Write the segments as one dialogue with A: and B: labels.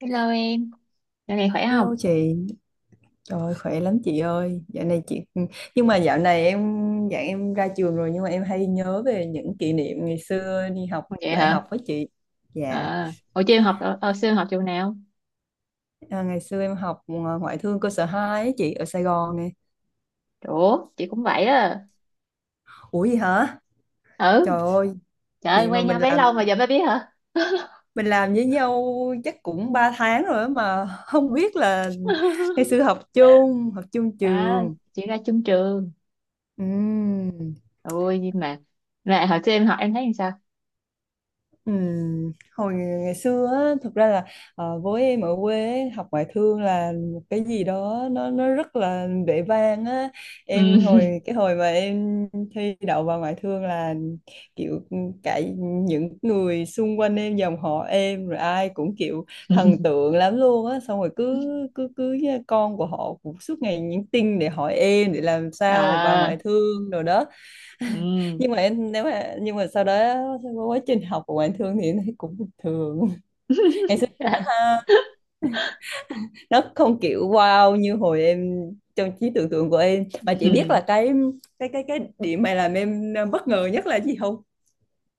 A: Hello em, dạo này khỏe
B: Hello
A: không?
B: chị, trời ơi, khỏe lắm chị ơi. Dạo này chị nhưng mà dạo này em dạ em ra trường rồi nhưng mà em hay nhớ về những kỷ niệm ngày xưa đi học
A: Vậy
B: đại
A: hả?
B: học với chị. Dạ,
A: À, hồi chưa em học ờ, xưa em học trường nào?
B: à, ngày xưa em học ngoại thương cơ sở 2 ấy, chị ở Sài Gòn nè.
A: Ủa, chị cũng vậy á.
B: Ủa gì hả?
A: Ừ,
B: Trời ơi,
A: trời ơi,
B: vậy mà
A: quen
B: mình
A: nhau bấy lâu
B: làm
A: mà giờ mới biết hả?
B: mình làm với nhau chắc cũng 3 tháng rồi á mà không biết là ngày xưa học chung
A: À,
B: trường.
A: chị ra chung trường.
B: Ừm.
A: Ôi, nhưng mà mẹ hồi xưa em học em thấy làm sao?
B: Hồi ngày xưa á, thực ra là với em ở quê ấy, học ngoại thương là một cái gì đó nó rất là vẻ vang á, em
A: Ừ.
B: hồi cái hồi mà em thi đậu vào ngoại thương là kiểu cả những người xung quanh em, dòng họ em rồi ai cũng kiểu thần tượng lắm luôn á, xong rồi cứ cứ cứ con của họ cũng suốt ngày nhắn tin để hỏi em để làm sao mà vào
A: À,
B: ngoại thương rồi đó.
A: ừ.
B: Nhưng mà sau đó qua quá trình học của ngoại thương thì em thấy cũng bình thường.
A: À,
B: Ha, nó không kiểu wow như hồi em trong trí tưởng tượng của em, mà chị biết
A: ừ.
B: là cái điểm mà làm em bất ngờ nhất là gì không?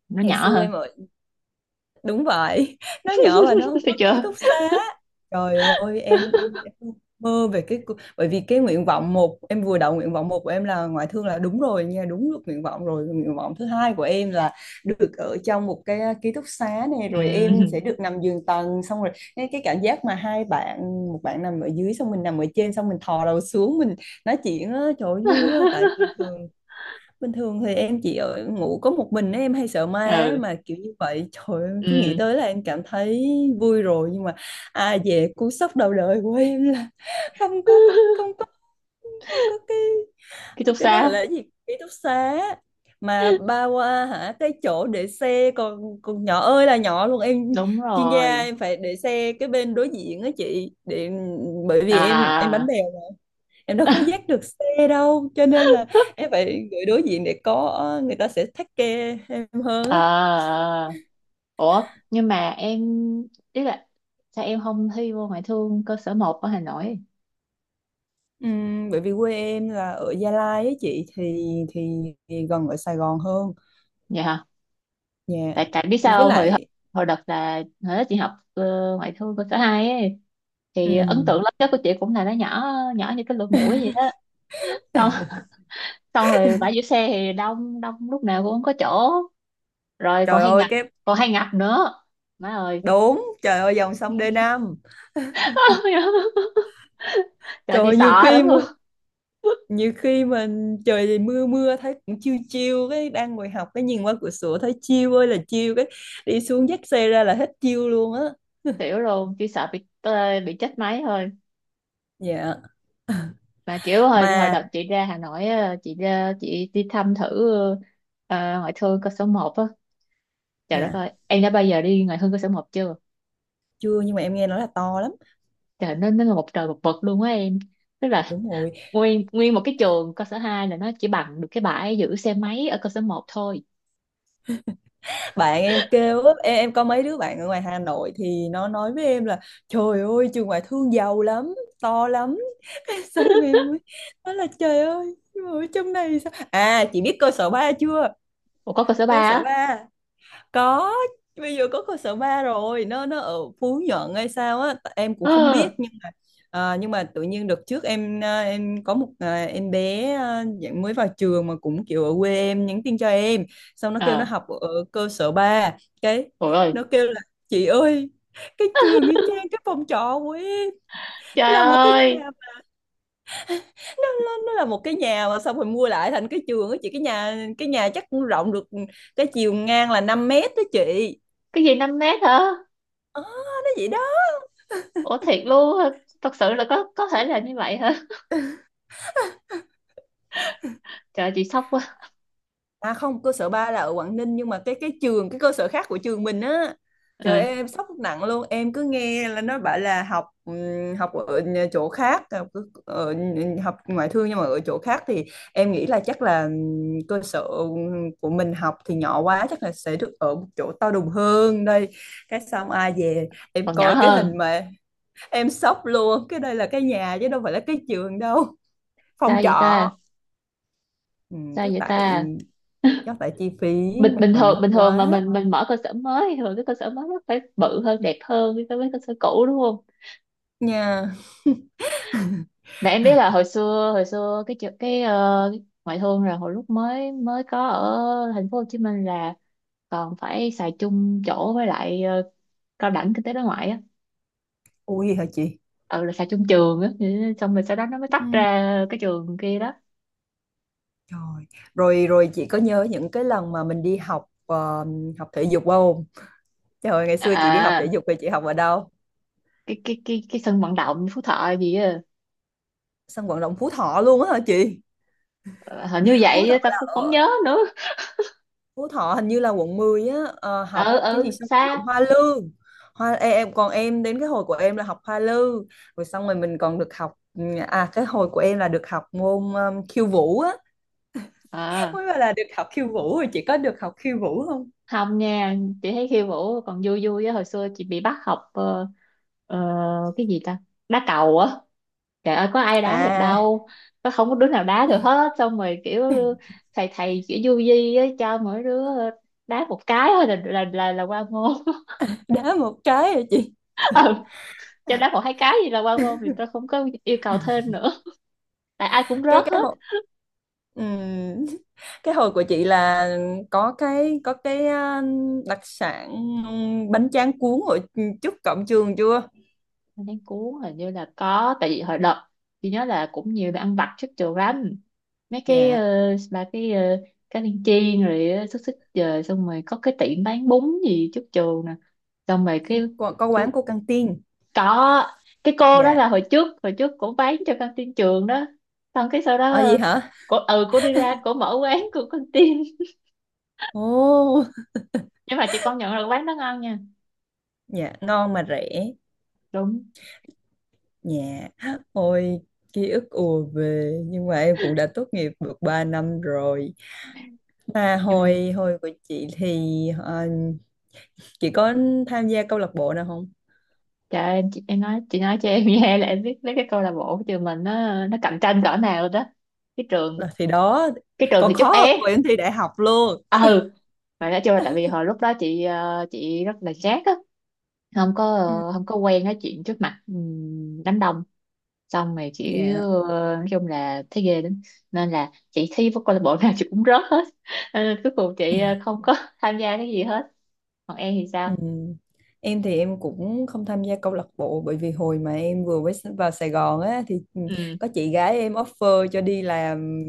A: Nó
B: Ngày
A: nhỏ
B: xưa
A: hơn.
B: em ở, đúng vậy, nó nhỏ và nó không
A: Thấy
B: có ký
A: chưa?
B: túc xá. Trời ơi, em mơ về cái, bởi vì cái nguyện vọng một, em vừa đậu nguyện vọng một của em là ngoại thương là đúng rồi nha, đúng được nguyện vọng rồi, nguyện vọng thứ hai của em là được ở trong một cái ký túc xá, này rồi em sẽ
A: Ừ.
B: được nằm giường tầng, xong rồi cái cảm giác mà hai bạn, một bạn nằm ở dưới xong mình nằm ở trên xong mình thò đầu xuống mình nói chuyện á, trời ơi, vui quá. Tại bình thường, bình thường thì em chỉ ở ngủ có một mình ấy, em hay sợ ma ấy,
A: Ừ.
B: mà kiểu như vậy trời ơi, em cứ nghĩ
A: Ừ.
B: tới là em cảm thấy vui rồi. Nhưng mà à, về cú sốc đầu đời của em là không có không có không có cái
A: Ký túc
B: cái
A: xá.
B: đó gọi là cái gì, ký túc xá mà ba qua hả, cái chỗ để xe còn còn nhỏ ơi là nhỏ luôn em.
A: Đúng
B: Chuyên gia
A: rồi.
B: em phải để xe cái bên đối diện á chị, để bởi vì em bánh
A: À.
B: bèo, em đâu có dắt được xe đâu cho nên là
A: À,
B: em phải gửi đối diện để có người ta sẽ take care em hơn á.
A: à. Ủa, nhưng mà em ý là sao em không thi vô ngoại thương cơ sở 1 ở Hà Nội?
B: Bởi vì quê em là ở Gia Lai ấy chị, thì gần ở Sài Gòn hơn.
A: Vậy hả?
B: Dạ,
A: Tại tại biết
B: với
A: sao không? Hồi
B: lại
A: hồi đợt là hồi đó chị học ngoại thương cơ sở 2 ấy, thì ấn tượng
B: ừm,
A: lớn nhất của chị cũng là nó nhỏ nhỏ như cái lỗ mũi vậy á. Xong, xong rồi bãi giữ xe thì đông đông lúc nào cũng không có chỗ, rồi còn
B: trời
A: hay
B: ơi
A: ngập,
B: cái,
A: còn hay ngập nữa, má ơi.
B: đúng trời ơi dòng sông đê 5.
A: Trời,
B: Trời
A: chị
B: ơi,
A: sợ lắm luôn,
B: nhiều khi mình, trời thì mưa mưa thấy cũng chiêu chiêu cái đang ngồi học cái nhìn qua cửa sổ thấy chiêu ơi là chiêu, cái đi xuống dắt xe ra là hết chiêu luôn á.
A: xỉu luôn, chỉ sợ bị tê, bị chết máy thôi.
B: Dạ
A: Mà kiểu hồi hồi
B: mà.
A: đợt chị ra Hà Nội á, chị ra chị đi thăm thử ờ, ngoại thương cơ sở một á. Trời đất
B: Dạ
A: ơi, em đã bao giờ đi ngoại thương cơ sở 1 chưa?
B: chưa, nhưng mà em nghe nói là to lắm.
A: Trời, nó là một trời một vực luôn á em. Tức là
B: Đúng rồi,
A: nguyên nguyên một cái trường cơ sở 2 là nó chỉ bằng được cái bãi giữ xe máy ở cơ sở 1 thôi.
B: bạn em kêu á, em có mấy đứa bạn ở ngoài Hà Nội thì nó nói với em là trời ơi trường ngoại thương giàu lắm, to lắm. Xong em mới nói là trời ơi, nhưng mà ở trong này sao, à chị biết cơ sở ba chưa?
A: Ủa, có cơ sở 3
B: Cơ sở
A: á?
B: ba, có, bây giờ có cơ sở ba rồi, nó ở Phú Nhuận hay sao á, em cũng không biết
A: Ờ.
B: nhưng mà à, nhưng mà tự nhiên đợt trước em à, em có một à, em bé à, dạng mới vào trường mà cũng kiểu ở quê em nhắn tin cho em, xong nó kêu nó
A: À,
B: học ở cơ sở ba. Cái
A: ôi ơi,
B: nó kêu là chị ơi, cái trường y chang cái phòng trọ của em,
A: trời
B: nó là một cái
A: ơi,
B: nhà, nó là một cái nhà mà xong rồi mua lại thành cái trường á chị, cái nhà chắc cũng rộng được cái chiều ngang là 5 mét đó chị.
A: cái gì 5 mét hả?
B: Ờ, nó vậy đó.
A: Ủa, thiệt luôn hả? Thật sự là có thể là như vậy hả? Trời, chị sốc quá.
B: À không, cơ sở 3 là ở Quảng Ninh nhưng mà cái trường, cái cơ sở khác của trường mình á. Trời ơi,
A: Ừ.
B: em sốc nặng luôn, em cứ nghe là nó bảo là học học ở chỗ khác, học ở, học ngoại thương nhưng mà ở chỗ khác thì em nghĩ là chắc là cơ sở của mình học thì nhỏ quá chắc là sẽ được ở một chỗ to đùng hơn đây. Cái xong ai về em
A: Còn nhỏ
B: coi cái
A: hơn.
B: hình mà em sốc luôn, cái đây là cái nhà chứ đâu phải là cái trường đâu.
A: Sao
B: Phòng
A: vậy
B: trọ.
A: ta?
B: Ừ,
A: Sao
B: chắc
A: vậy
B: tại
A: ta?
B: chắc tại chi phí
A: bình
B: mặt
A: bình
B: bằng
A: thường
B: mắc
A: bình thường mà
B: quá.
A: mình mở cơ sở mới thì thường cái cơ sở mới nó phải bự hơn, đẹp hơn so với cơ sở cũ, đúng không?
B: Nha
A: Mà em biết là hồi xưa cái chợ- cái, ngoại thương là hồi lúc mới mới có ở thành phố Hồ Chí Minh là còn phải xài chung chỗ với lại cao đẳng kinh tế đối ngoại á,
B: ui hả chị.
A: ừ, là xài chung trường á. Ừ, xong rồi sau đó nó mới tách
B: Ừ.
A: ra cái trường kia đó.
B: Trời, rồi rồi chị có nhớ những cái lần mà mình đi học học thể dục không? Trời ơi, ngày
A: À,
B: xưa chị đi học thể
A: à,
B: dục thì chị học ở đâu?
A: cái sân vận động Phú Thọ gì á.
B: Sân vận động Phú Thọ luôn á hả chị?
A: Ờ, hình như
B: Phú
A: vậy á,
B: Thọ
A: ta
B: là
A: cũng không
B: ở,
A: nhớ nữa.
B: Phú Thọ hình như là quận 10 á, ờ, học
A: Ừ,
B: cái gì
A: ừ,
B: sân vận động
A: xa.
B: Hoa Lư. Hoa ê, em còn em đến cái hồi của em là học Hoa Lư, rồi xong rồi mình còn được học à cái hồi của em là được học môn khiêu vũ á.
A: À,
B: Mới bảo là được học khiêu vũ, rồi chị có được học khiêu vũ không?
A: không nha, chị thấy khiêu vũ còn vui vui á. Hồi xưa chị bị bắt học ờ, cái gì ta, đá cầu á. Trời ơi, có ai đá được
B: À,
A: đâu, không có đứa nào đá được hết. Xong rồi kiểu thầy thầy kiểu du di á, cho mỗi đứa đá một cái thôi là qua môn.
B: đá một cái rồi chị.
A: Ừ. Cho đá một hai cái gì là qua môn thì tôi không có yêu cầu thêm nữa, tại ai cũng
B: cái
A: rớt
B: cái
A: hết.
B: hồi ừm, cái hồi của chị là có cái, có cái đặc sản bánh tráng cuốn ở trước cổng trường chưa?
A: Nên cuốn hình như là có, tại vì hồi đợt chị nhớ là cũng nhiều bạn ăn vặt trước trường lắm. Mấy cái
B: Dạ
A: bà cái cá viên chiên rồi xúc xích, trời, xong rồi có cái tiệm bán bún gì chút chù nè. Xong rồi cái
B: có quán
A: chú-,
B: của căng tin.
A: có cái cô đó
B: Dạ.
A: là hồi trước cổ bán cho căng tin trường đó, xong cái sau
B: Ở
A: đó
B: gì hả?
A: cổ, cổ đi ra cổ mở quán của căng tin.
B: Ồ.
A: Nhưng mà chị công nhận là quán đó ngon nha.
B: Dạ non mà rẻ.
A: Đúng.
B: Dạ, ôi ký ức ùa về, nhưng mà em cũng đã tốt nghiệp được 3 năm rồi. À,
A: Nhưng
B: hồi hồi của chị thì chị có tham gia câu lạc bộ nào không?
A: trời ơi, chị, em nói, chị nói cho em nghe là em biết mấy cái câu lạc bộ của trường mình nó cạnh tranh cỡ nào rồi đó. cái trường
B: Đó, thì đó
A: cái trường
B: còn
A: thì chút
B: khó hơn
A: é.
B: hồi em thi đại học luôn.
A: Ừ, mà nói chung là tại vì hồi lúc đó chị rất là chát á, không có
B: Ừ.
A: ờ, không có quen nói chuyện trước mặt đám đông, xong rồi chị
B: Dạ.
A: nói chung là thấy ghê lắm, nên là chị thi với câu lạc bộ nào chị cũng rớt hết. Ờ, cuối cùng chị không có tham gia cái gì hết. Còn em thì
B: Ừ.
A: sao?
B: Em thì em cũng không tham gia câu lạc bộ, bởi vì hồi mà em vừa mới vào Sài Gòn á thì
A: Ừ.
B: có chị gái em offer cho đi làm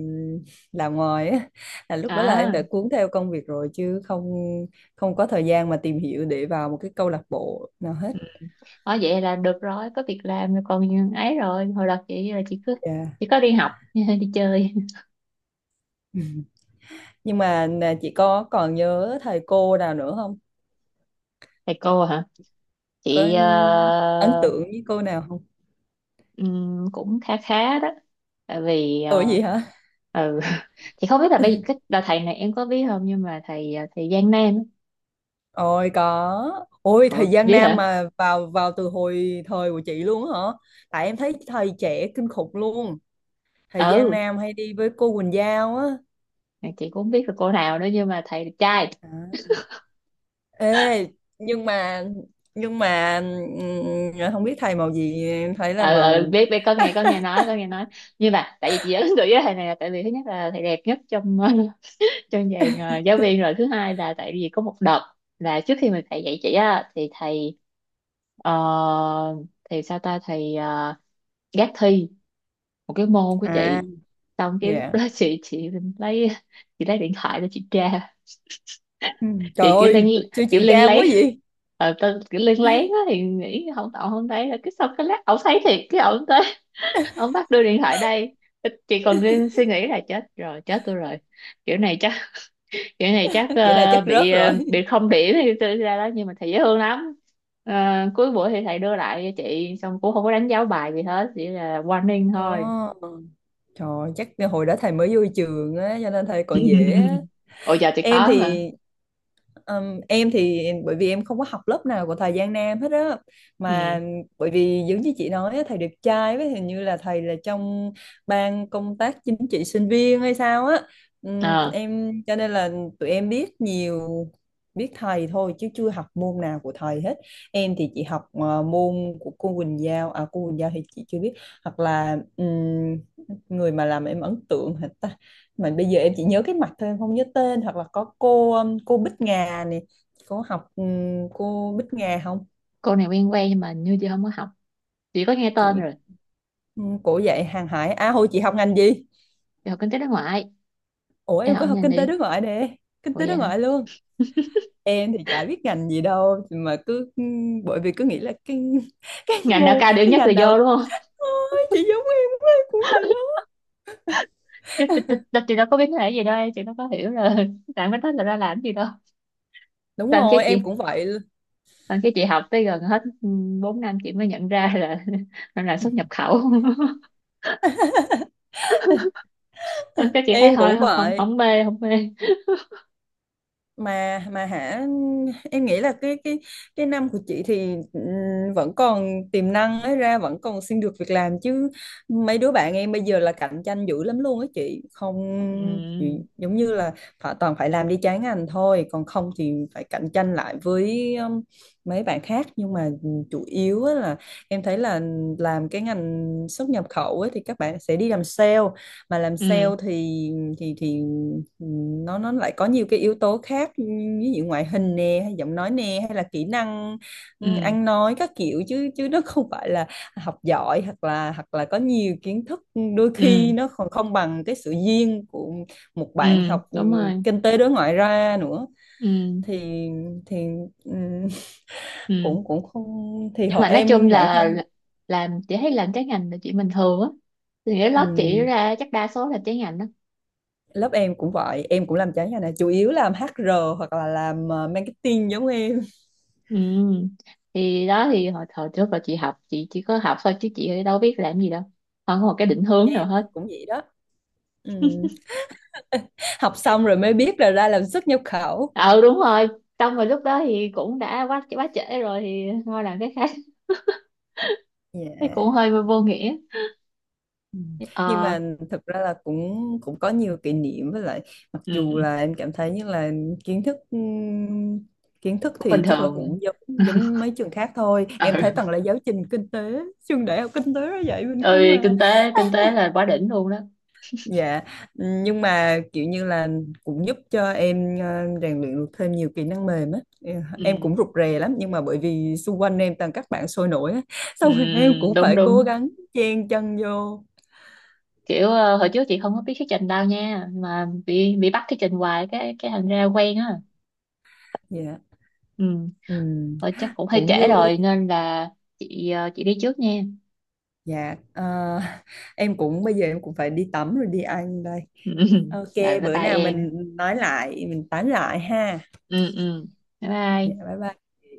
B: làm ngoài á, là lúc đó là em
A: À.
B: đã cuốn theo công việc rồi chứ không, không có thời gian mà tìm hiểu để vào một cái câu lạc bộ nào hết.
A: Ừ. Ờ, vậy là được rồi, có việc làm rồi, còn ấy, rồi hồi đó chị là chị cứ
B: Dạ.
A: chỉ có đi học đi chơi.
B: Ừ. Nhưng mà nè, chị có còn nhớ thầy cô nào nữa không,
A: Thầy cô hả?
B: có
A: chị ờ,
B: ấn tượng với cô nào không?
A: Cũng khá khá đó, tại vì
B: Ừ gì hả?
A: ừ. Thì không biết là bây cái đợt thầy này em có biết không, nhưng mà thầy Giang Nam á.
B: Ôi có, ôi thời
A: Ủa,
B: gian
A: biết
B: nam
A: hả?
B: mà vào, vào từ hồi thời của chị luôn á hả? Tại em thấy thầy trẻ kinh khủng luôn. Thời gian
A: Ừ,
B: nam hay đi với cô Quỳnh Giao á.
A: chị cũng không biết là cô nào nữa, nhưng mà thầy đẹp trai.
B: À. Ê, nhưng mà nhưng mà à, không biết thầy màu gì, em thấy là
A: Ừ, ừ,
B: màu,
A: biết biết có nghe nói. Nhưng mà tại vì chị ấn tượng với thầy này là tại vì thứ nhất là thầy đẹp nhất trong trong dàn giáo viên, rồi thứ hai là tại vì có một đợt là trước khi mà thầy dạy chị á thì thầy ờ, thì sao ta, thầy gác thi một cái môn của
B: à
A: chị, xong cái lúc
B: dạ.
A: đó chị lấy, chị lấy điện thoại để chị tra.
B: Ừ.
A: Chị
B: Trời
A: kiểu lên,
B: ơi sao
A: kiểu
B: chị
A: lên
B: gan quá
A: lấy,
B: vậy,
A: ờ, tao kiểu lên lấy á thì nghĩ không, tao không thấy, rồi cái xong cái lát ổng thấy thiệt, cái ổng tới, ổng bắt đưa điện thoại đây. Chị còn đang suy nghĩ là chết rồi, chết tôi rồi, kiểu này chắc, kiểu này chắc
B: kiểu này
A: ờ,
B: chắc
A: bị
B: rớt
A: ờ,
B: rồi.
A: bị không điểm thì tôi ra đó, nhưng mà thầy dễ thương lắm. Ờ, cuối buổi thì thầy đưa lại cho chị, xong cũng không có đánh dấu bài gì hết, chỉ là warning thôi.
B: Ồ. Trời, chắc hồi đó thầy mới vô trường á cho nên thầy còn dễ á.
A: Ôi giờ thì
B: Em
A: khó mà.
B: thì ừm, em thì bởi vì em không có học lớp nào của thầy Giang Nam hết á,
A: Ừ.
B: mà bởi vì giống như chị nói á, thầy đẹp trai với hình như là thầy là trong ban công tác chính trị sinh viên hay sao á.
A: Ờ,
B: Em cho nên là tụi em biết nhiều, biết thầy thôi chứ chưa học môn nào của thầy hết. Em thì chị học môn của cô Quỳnh Giao, à cô Quỳnh Giao thì chị chưa biết, hoặc là người mà làm em ấn tượng hả? Mà bây giờ em chỉ nhớ cái mặt thôi em không nhớ tên, hoặc là có cô Bích Ngà này, có học cô Bích Ngà không
A: cô này quen quen nhưng mà như chị không có học, chị có nghe tên
B: chị,
A: rồi.
B: cổ dạy hàng hải. À hồi chị học ngành gì?
A: Chị học kinh tế đối ngoại.
B: Ủa
A: Em
B: em có
A: học
B: học
A: nhanh
B: kinh tế
A: đi.
B: đối ngoại nè, kinh
A: Ủa,
B: tế đối
A: vậy hả?
B: ngoại luôn. Em thì chả biết ngành gì đâu mà cứ bởi vì cứ nghĩ là cái cái
A: Ngành nào
B: mô
A: cao điểm
B: cái
A: nhất là
B: ngành nào.
A: vô, đúng không?
B: Ôi, chị giống em quá, em cũng vậy đó.
A: Chứ chị đâu có biết cái này gì đâu em, chị đâu có hiểu rồi làm cái đó là ra làm gì đâu.
B: Đúng
A: Xong cái
B: rồi
A: chị,
B: em cũng vậy,
A: xong cái chị học tới gần hết 4 năm chị mới nhận ra là mình làm xuất nhập khẩu. Xong cái chị thấy
B: em
A: thôi,
B: cũng
A: không,
B: vậy.
A: không mê, không mê.
B: Mà hả, em nghĩ là cái cái năm của chị thì vẫn còn tiềm năng ấy ra vẫn còn xin được việc làm chứ mấy đứa bạn em bây giờ là cạnh tranh dữ lắm luôn á chị không, chị
A: Ừ,
B: giống như là phải toàn phải làm đi trái ngành thôi, còn không thì phải cạnh tranh lại với mấy bạn khác. Nhưng mà chủ yếu á là em thấy là làm cái ngành xuất nhập khẩu ấy, thì các bạn sẽ đi làm sale, mà làm sale
A: ừ,
B: thì thì ừ, nó lại có nhiều cái yếu tố khác ừ, ví dụ ngoại hình nè, hay giọng nói nè, hay là kỹ năng ừ,
A: ừ,
B: ăn nói các kiểu, chứ chứ nó không phải là học giỏi, hoặc là có nhiều kiến thức, ừ, đôi
A: ừ,
B: khi nó còn không bằng cái sự duyên của một
A: ừ,
B: bạn học ừ,
A: đúng rồi,
B: kinh tế đối ngoại ra nữa.
A: ừ,
B: Thì thì ừ,
A: ừ.
B: cũng cũng không, thì
A: Nhưng
B: họ
A: mà nói chung
B: em bản
A: là
B: thân
A: làm, chị thấy làm trái ngành là chuyện bình thường á, thì cái lớp chị
B: ừ,
A: ra chắc đa số là trái ngành đó.
B: lớp em cũng vậy, em cũng làm trái ngành này, chủ yếu làm HR hoặc là làm marketing giống em.
A: Ừ. Thì đó, thì hồi trước là chị học, chị chỉ có học thôi chứ chị đâu biết làm gì đâu, không có một cái định hướng nào hết.
B: Cũng vậy đó. Ừ. Học xong rồi mới biết là ra làm xuất nhập khẩu.
A: Ừ, đúng rồi. Xong rồi lúc đó thì cũng đã quá quá trễ rồi thì thôi làm cái khác. Thấy cũng
B: Yeah.
A: hơi vô nghĩa.
B: Ừ. Nhưng
A: Ờ.
B: mà thực ra là cũng cũng có nhiều kỷ niệm với lại mặc dù
A: Ừ,
B: là em cảm thấy như là kiến thức ừm, kiến thức
A: cũng bình
B: thì chắc là
A: thường.
B: cũng giống giống mấy trường khác thôi,
A: Ừ.
B: em thấy toàn là giáo trình kinh tế trường đại học kinh tế nó dạy mình không
A: Ơi,
B: à.
A: kinh tế là quá đỉnh luôn đó.
B: Dạ, nhưng mà kiểu như là cũng giúp cho em rèn luyện được thêm nhiều kỹ năng mềm á. Em
A: Ừ.
B: cũng rụt rè lắm nhưng mà bởi vì xung quanh em toàn các bạn sôi nổi á,
A: Ừ,
B: xong rồi em cũng
A: đúng,
B: phải
A: đúng.
B: cố gắng chen chân vô.
A: Kiểu hồi trước chị không có biết thuyết trình đâu nha, mà bị bắt thuyết trình hoài cái thành ra quen á.
B: Dạ,
A: Ừ.
B: ừm,
A: Rồi chắc cũng hơi
B: cũng
A: trễ
B: vui.
A: rồi nên là chị đi trước nha.
B: Dạ, ờ, em cũng bây giờ em cũng phải đi tắm rồi đi ăn đây.
A: Ừ.
B: Ok,
A: Rồi bye
B: bữa
A: bye
B: nào
A: em.
B: mình nói lại, mình tán lại ha.
A: Ừ, ừ, bye
B: Dạ,
A: bye.
B: bye bye.